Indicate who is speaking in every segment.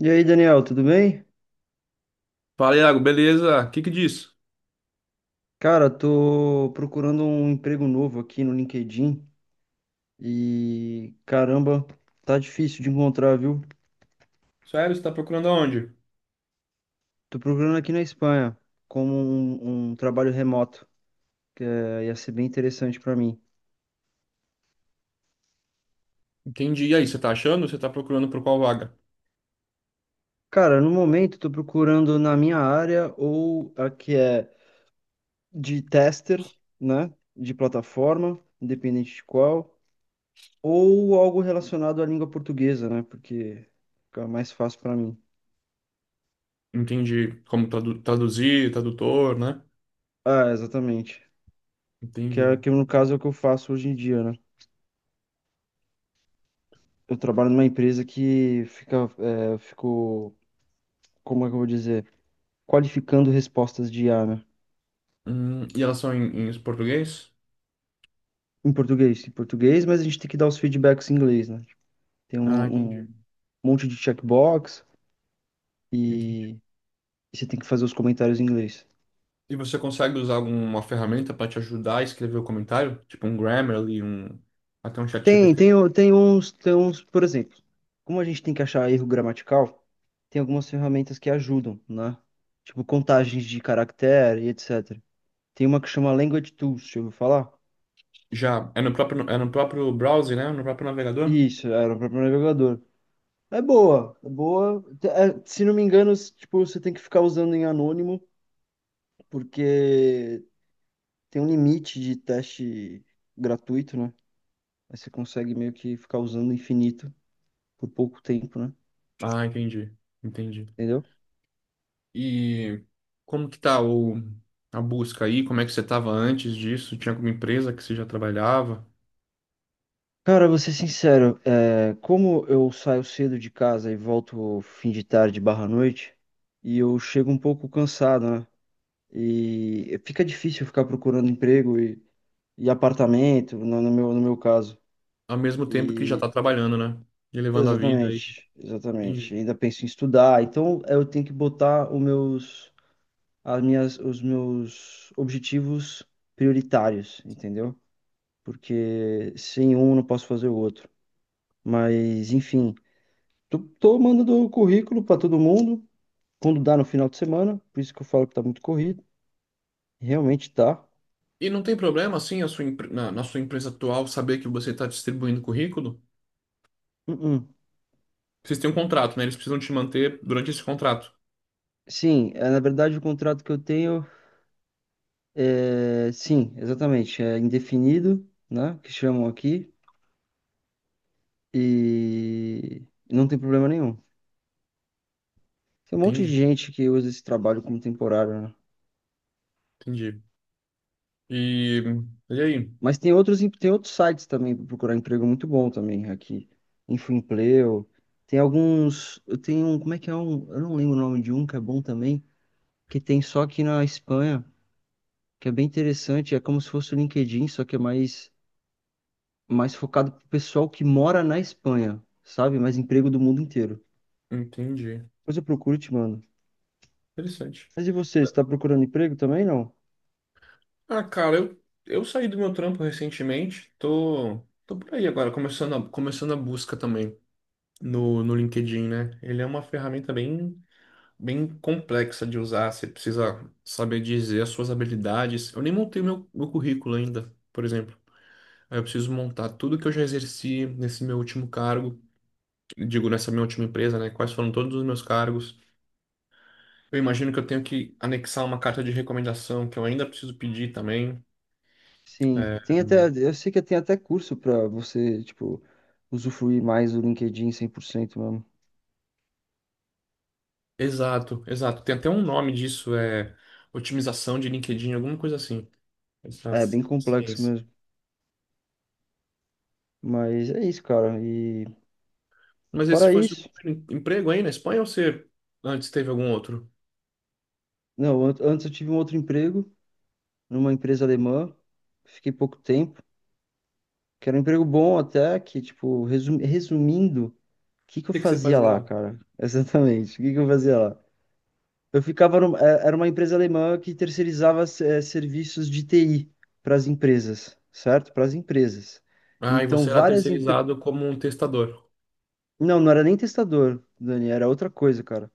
Speaker 1: E aí, Daniel, tudo bem?
Speaker 2: Fala, Iago, beleza? O que que diz?
Speaker 1: Cara, tô procurando um emprego novo aqui no LinkedIn e caramba, tá difícil de encontrar, viu?
Speaker 2: Sério, você tá procurando aonde?
Speaker 1: Tô procurando aqui na Espanha como um trabalho remoto, ia ser bem interessante pra mim.
Speaker 2: Entendi. E aí, você tá achando? Você tá procurando por qual vaga?
Speaker 1: Cara, no momento tô procurando na minha área ou a que é de tester, né? De plataforma, independente de qual, ou algo relacionado à língua portuguesa, né? Porque fica mais fácil pra mim.
Speaker 2: Entendi. Como traduzir, tradutor, né?
Speaker 1: Ah, exatamente. Que é
Speaker 2: Entendi.
Speaker 1: que no caso é o que eu faço hoje em dia, né? Eu trabalho numa empresa que fico, como é que eu vou dizer? Qualificando respostas de IA, né?
Speaker 2: E elas são em português?
Speaker 1: Em português, mas a gente tem que dar os feedbacks em inglês, né? Tem
Speaker 2: Ah,
Speaker 1: um
Speaker 2: entendi.
Speaker 1: monte de checkbox
Speaker 2: Entendi.
Speaker 1: e, e você tem que fazer os comentários em inglês.
Speaker 2: E você consegue usar alguma ferramenta para te ajudar a escrever o comentário? Tipo um Grammarly, um... até um
Speaker 1: Tem,
Speaker 2: ChatGPT?
Speaker 1: tem, o- tem uns, tem uns, por exemplo, como a gente tem que achar erro gramatical, tem algumas ferramentas que ajudam, né? Tipo contagens de caractere e etc. Tem uma que chama Language Tools, deixa eu falar.
Speaker 2: Já. É no próprio browser, né? No próprio navegador?
Speaker 1: Isso, era para navegador. É boa, é boa. Se não me engano, tipo, você tem que ficar usando em anônimo, porque tem um limite de teste gratuito, né? Aí você consegue meio que ficar usando infinito por pouco tempo, né?
Speaker 2: Ah, entendi. Entendi.
Speaker 1: Entendeu?
Speaker 2: E como que tá a busca aí? Como é que você estava antes disso? Tinha alguma empresa que você já trabalhava?
Speaker 1: Cara, vou ser sincero, como eu saio cedo de casa e volto fim de tarde barra noite, e eu chego um pouco cansado, né? E fica difícil ficar procurando emprego e apartamento, no meu caso.
Speaker 2: Ao mesmo tempo que já está
Speaker 1: E
Speaker 2: trabalhando, né? E levando a vida aí.
Speaker 1: exatamente,
Speaker 2: Entendi.
Speaker 1: exatamente. Ainda penso em estudar, então eu tenho que botar os meus objetivos prioritários, entendeu? Porque sem um eu não posso fazer o outro. Mas enfim, tô mandando o currículo para todo mundo quando dá no final de semana, por isso que eu falo que tá muito corrido. Realmente tá.
Speaker 2: E não tem problema, assim, a sua, na, na sua empresa atual saber que você está distribuindo currículo?
Speaker 1: Uh-uh.
Speaker 2: Vocês têm um contrato, né? Eles precisam te manter durante esse contrato.
Speaker 1: Sim, na verdade o contrato que eu tenho sim, exatamente, é indefinido, né? Que chamam aqui. E não tem problema nenhum. Tem um monte
Speaker 2: Entendi,
Speaker 1: de gente que usa esse trabalho como temporário, né?
Speaker 2: entendi. E, e aí?
Speaker 1: Mas tem outros, tem outros sites também para procurar emprego muito bom também aqui. Infoempleo. Tem alguns. Eu tenho um. Como é que é um? Eu não lembro o nome de um que é bom também, que tem só aqui na Espanha, que é bem interessante. É como se fosse o LinkedIn, só que é mais focado pro pessoal que mora na Espanha, sabe? Mais emprego do mundo inteiro.
Speaker 2: Entendi.
Speaker 1: Depois eu procuro e te mando.
Speaker 2: Interessante.
Speaker 1: Mas e você? Você está procurando emprego também, não?
Speaker 2: Ah, cara, eu saí do meu trampo recentemente. Tô, tô por aí agora, começando a busca também. No no LinkedIn, né? Ele é uma ferramenta bem complexa de usar. Você precisa saber dizer as suas habilidades. Eu nem montei meu currículo ainda, por exemplo. Aí eu preciso montar tudo que eu já exerci nesse meu último cargo, digo, nessa minha última empresa, né? Quais foram todos os meus cargos. Eu imagino que eu tenho que anexar uma carta de recomendação que eu ainda preciso pedir também.
Speaker 1: Sim,
Speaker 2: É,
Speaker 1: tem até, eu sei que tem até curso pra você, tipo, usufruir mais do LinkedIn 100% mesmo.
Speaker 2: exato. Tem até um nome disso, é otimização de LinkedIn, alguma coisa assim. Essa
Speaker 1: É bem complexo
Speaker 2: ciência.
Speaker 1: mesmo, mas é isso, cara. E
Speaker 2: Mas esse
Speaker 1: fora
Speaker 2: foi seu
Speaker 1: isso,
Speaker 2: primeiro emprego aí na Espanha ou você antes teve algum outro? O
Speaker 1: não, antes eu tive um outro emprego numa empresa alemã, fiquei pouco tempo, que era um emprego bom até, que tipo, resumindo, o que que eu
Speaker 2: que que você
Speaker 1: fazia
Speaker 2: fazia
Speaker 1: lá,
Speaker 2: lá?
Speaker 1: cara? Exatamente, o que que eu fazia lá? Eu ficava era uma empresa alemã que terceirizava serviços de TI para as empresas, certo? Para as empresas.
Speaker 2: Ah, e
Speaker 1: Então,
Speaker 2: você era
Speaker 1: várias empresas.
Speaker 2: terceirizado como um testador.
Speaker 1: Não, não era nem testador, Dani, era outra coisa, cara.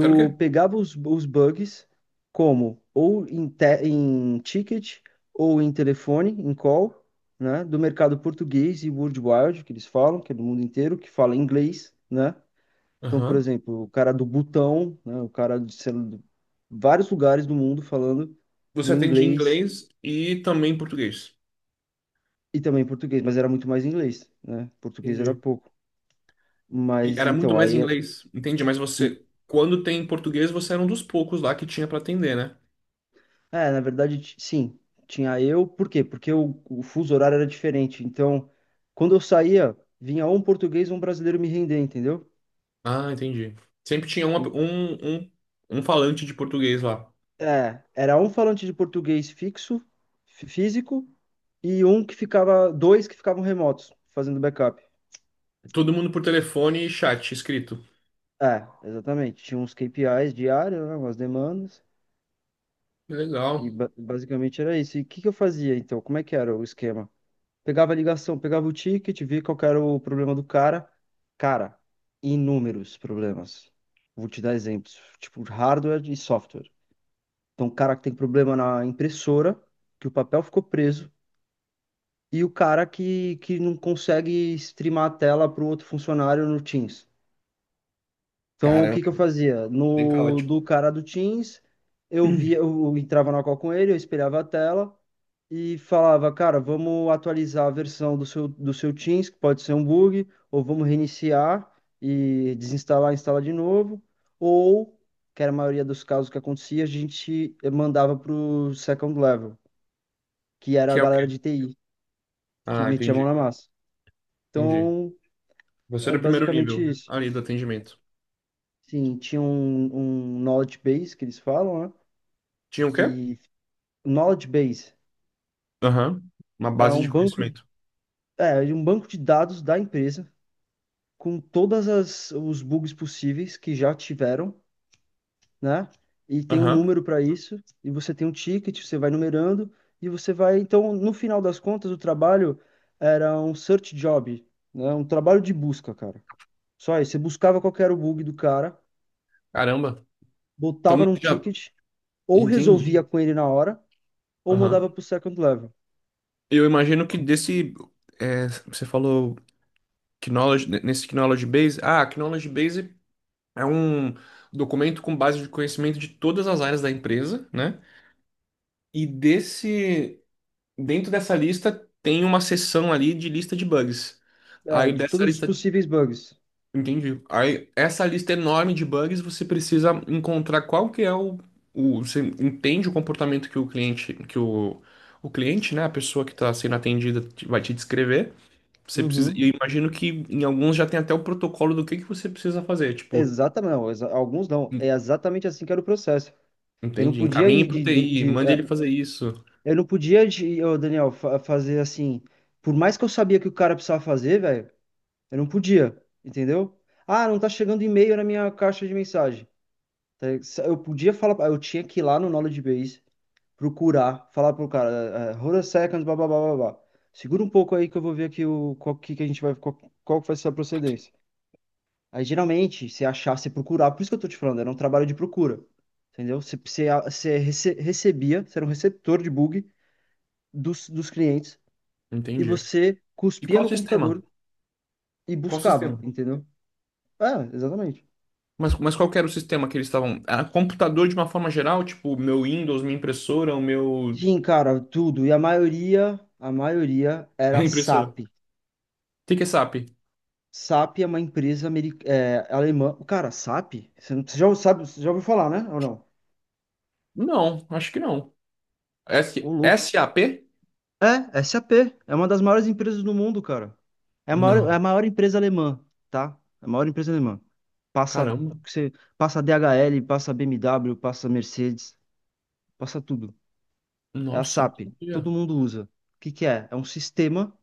Speaker 2: Era o quê?
Speaker 1: pegava os bugs como ou em ticket ou em telefone, em call, né? Do mercado português e worldwide, que eles falam, que é do mundo inteiro, que fala inglês, né? Então, por
Speaker 2: Aham.
Speaker 1: exemplo, o cara do Butão, né, o cara de sei lá, de vários lugares do mundo falando
Speaker 2: Você
Speaker 1: no
Speaker 2: atende em
Speaker 1: inglês
Speaker 2: inglês e também em português.
Speaker 1: e também português, mas era muito mais inglês, né? Português era
Speaker 2: Entendi.
Speaker 1: pouco.
Speaker 2: E
Speaker 1: Mas
Speaker 2: era muito
Speaker 1: então,
Speaker 2: mais em
Speaker 1: aí.
Speaker 2: inglês, entendi. Mas você, quando tem em português, você era um dos poucos lá que tinha pra atender, né?
Speaker 1: Na verdade, sim, tinha eu. Por quê? Porque o fuso horário era diferente. Então, quando eu saía, vinha ou um português ou um brasileiro me render, entendeu?
Speaker 2: Ah, entendi. Sempre tinha
Speaker 1: E-
Speaker 2: um, um falante de português lá.
Speaker 1: É, era um falante de português fixo, físico, e um que ficava, dois que ficavam remotos, fazendo backup.
Speaker 2: Todo mundo por telefone e chat escrito.
Speaker 1: É, exatamente. Tinha uns KPIs diários, né, umas demandas,
Speaker 2: Que
Speaker 1: e
Speaker 2: legal.
Speaker 1: basicamente era isso. E o que que eu fazia então? Como é que era o esquema? Pegava a ligação, pegava o ticket, via qual que era o problema do cara. Cara, inúmeros problemas. Vou te dar exemplos, tipo hardware e software. Então, o cara que tem problema na impressora, que o papel ficou preso, e o cara que não consegue streamar a tela para o outro funcionário no Teams. Então, o
Speaker 2: Caramba,
Speaker 1: que que eu fazia?
Speaker 2: bem
Speaker 1: No
Speaker 2: caótico.
Speaker 1: do cara do Teams, eu via, eu entrava na call com ele, eu espelhava a tela e falava, cara, vamos atualizar a versão do seu Teams, que pode ser um bug, ou vamos reiniciar e desinstalar, instalar de novo, ou, que era a maioria dos casos que acontecia, a gente mandava para o second level, que era
Speaker 2: Que
Speaker 1: a
Speaker 2: é o quê?
Speaker 1: galera de TI, que
Speaker 2: Ah,
Speaker 1: metia a mão
Speaker 2: entendi.
Speaker 1: na massa.
Speaker 2: Entendi.
Speaker 1: Então,
Speaker 2: Você
Speaker 1: é
Speaker 2: era o primeiro
Speaker 1: basicamente
Speaker 2: nível
Speaker 1: isso.
Speaker 2: ali do atendimento.
Speaker 1: Sim, tinha um knowledge base que eles falam, né?
Speaker 2: Tinha o quê?
Speaker 1: Que Knowledge Base
Speaker 2: Aham. Uma
Speaker 1: é
Speaker 2: base de
Speaker 1: um banco,
Speaker 2: conhecimento.
Speaker 1: é é um banco de dados da empresa com todas as os bugs possíveis que já tiveram, né? E tem um
Speaker 2: Aham.
Speaker 1: número para isso, e você tem um ticket, você vai numerando e você vai, então, no final das contas, o trabalho era um search job, né? Um trabalho de busca, cara. Só isso, você buscava qual que era o bug do cara,
Speaker 2: Caramba. Então
Speaker 1: botava num
Speaker 2: já
Speaker 1: ticket, ou resolvia
Speaker 2: entendi.
Speaker 1: com ele na hora, ou
Speaker 2: Aham.
Speaker 1: mandava pro second level.
Speaker 2: Eu imagino que desse. É, você falou knowledge, nesse Knowledge Base. Ah, Knowledge Base é um documento com base de conhecimento de todas as áreas da empresa, né? E desse. Dentro dessa lista tem uma seção ali de lista de bugs.
Speaker 1: É,
Speaker 2: Aí
Speaker 1: de
Speaker 2: dessa
Speaker 1: todos os
Speaker 2: lista.
Speaker 1: possíveis bugs.
Speaker 2: Entendi. Aí, essa lista enorme de bugs, você precisa encontrar qual que é você entende o comportamento que o cliente, né, a pessoa que está sendo atendida vai te descrever. Você precisa, e
Speaker 1: Uhum.
Speaker 2: eu imagino que em alguns já tem até o protocolo do que você precisa fazer, tipo,
Speaker 1: Exatamente, não, alguns não. É
Speaker 2: en-
Speaker 1: exatamente assim que era o processo. Eu não
Speaker 2: entendi,
Speaker 1: podia
Speaker 2: encaminhe
Speaker 1: ir
Speaker 2: para o
Speaker 1: de,
Speaker 2: TI, mande ele fazer isso.
Speaker 1: eu não podia de, ô, Daniel, fazer assim. Por mais que eu sabia que o cara precisava fazer, velho, eu não podia, entendeu? Ah, não tá chegando e-mail na minha caixa de mensagem. Tá ligado? Eu podia falar, eu tinha que ir lá no Knowledge Base, procurar, falar pro cara, hold a second, blá blá blá blá blá. Segura um pouco aí que eu vou ver aqui que a gente vai qual, qual que vai ser a procedência. Aí geralmente, se achar, se procurar, por isso que eu tô te falando, era um trabalho de procura. Entendeu? Você recebia, você era um receptor de bug dos clientes e
Speaker 2: Entendi.
Speaker 1: você
Speaker 2: E
Speaker 1: cuspia
Speaker 2: qual
Speaker 1: no
Speaker 2: sistema?
Speaker 1: computador e
Speaker 2: Qual sistema?
Speaker 1: buscava, entendeu? É, exatamente.
Speaker 2: Mas qual que era o sistema que eles estavam? Era computador de uma forma geral, tipo, meu Windows, minha impressora, o meu
Speaker 1: Sim, cara, tudo. E a maioria
Speaker 2: a
Speaker 1: era
Speaker 2: impressora.
Speaker 1: SAP.
Speaker 2: O que que é SAP?
Speaker 1: SAP é uma empresa alemã. Cara, SAP? Você você já sabe, você já ouviu falar, né? Ou não?
Speaker 2: Não, acho que não.
Speaker 1: Ô,
Speaker 2: S
Speaker 1: louco.
Speaker 2: SAP?
Speaker 1: É, SAP. É uma das maiores empresas do mundo, cara. É
Speaker 2: Não.
Speaker 1: a maior empresa alemã, tá? É a maior empresa alemã. Passa,
Speaker 2: Caramba.
Speaker 1: você, passa DHL, passa BMW, passa Mercedes, passa tudo. É a
Speaker 2: Nossa, não
Speaker 1: SAP.
Speaker 2: sabia.
Speaker 1: Todo mundo usa. O que que é? É um sistema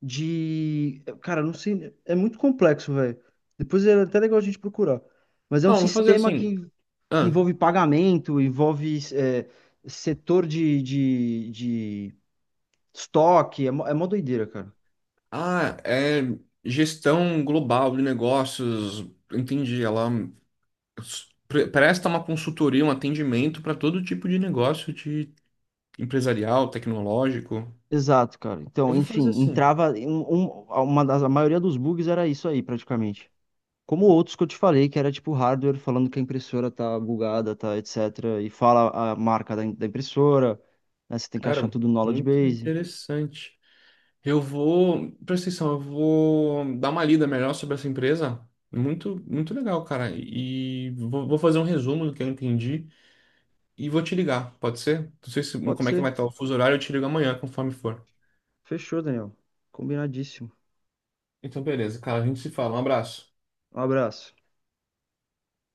Speaker 1: de... Cara, eu não sei... É muito complexo, velho. Depois é até legal a gente procurar. Mas é um
Speaker 2: Não, vou fazer
Speaker 1: sistema
Speaker 2: assim.
Speaker 1: que
Speaker 2: Ah,
Speaker 1: envolve pagamento, envolve setor de estoque. É mó doideira, cara.
Speaker 2: é gestão global de negócios. Entendi. Ela presta uma consultoria, um atendimento para todo tipo de negócio de empresarial, tecnológico.
Speaker 1: Exato, cara.
Speaker 2: Eu
Speaker 1: Então,
Speaker 2: vou fazer
Speaker 1: enfim,
Speaker 2: assim.
Speaker 1: entrava a maioria dos bugs era isso aí, praticamente. Como outros que eu te falei, que era tipo hardware falando que a impressora tá bugada, tá, etc. E fala a marca da impressora, né? Você tem que achar
Speaker 2: Cara,
Speaker 1: tudo no knowledge
Speaker 2: muito
Speaker 1: base.
Speaker 2: interessante. Eu vou, presta atenção, eu vou dar uma lida melhor sobre essa empresa. Muito, muito legal, cara. E vou, vou fazer um resumo do que eu entendi e vou te ligar, pode ser? Não sei se,
Speaker 1: Pode
Speaker 2: como é que vai
Speaker 1: ser.
Speaker 2: estar o fuso horário, eu te ligo amanhã, conforme for.
Speaker 1: Fechou, Daniel. Combinadíssimo.
Speaker 2: Então, beleza, cara, a gente se fala. Um abraço.
Speaker 1: Um abraço.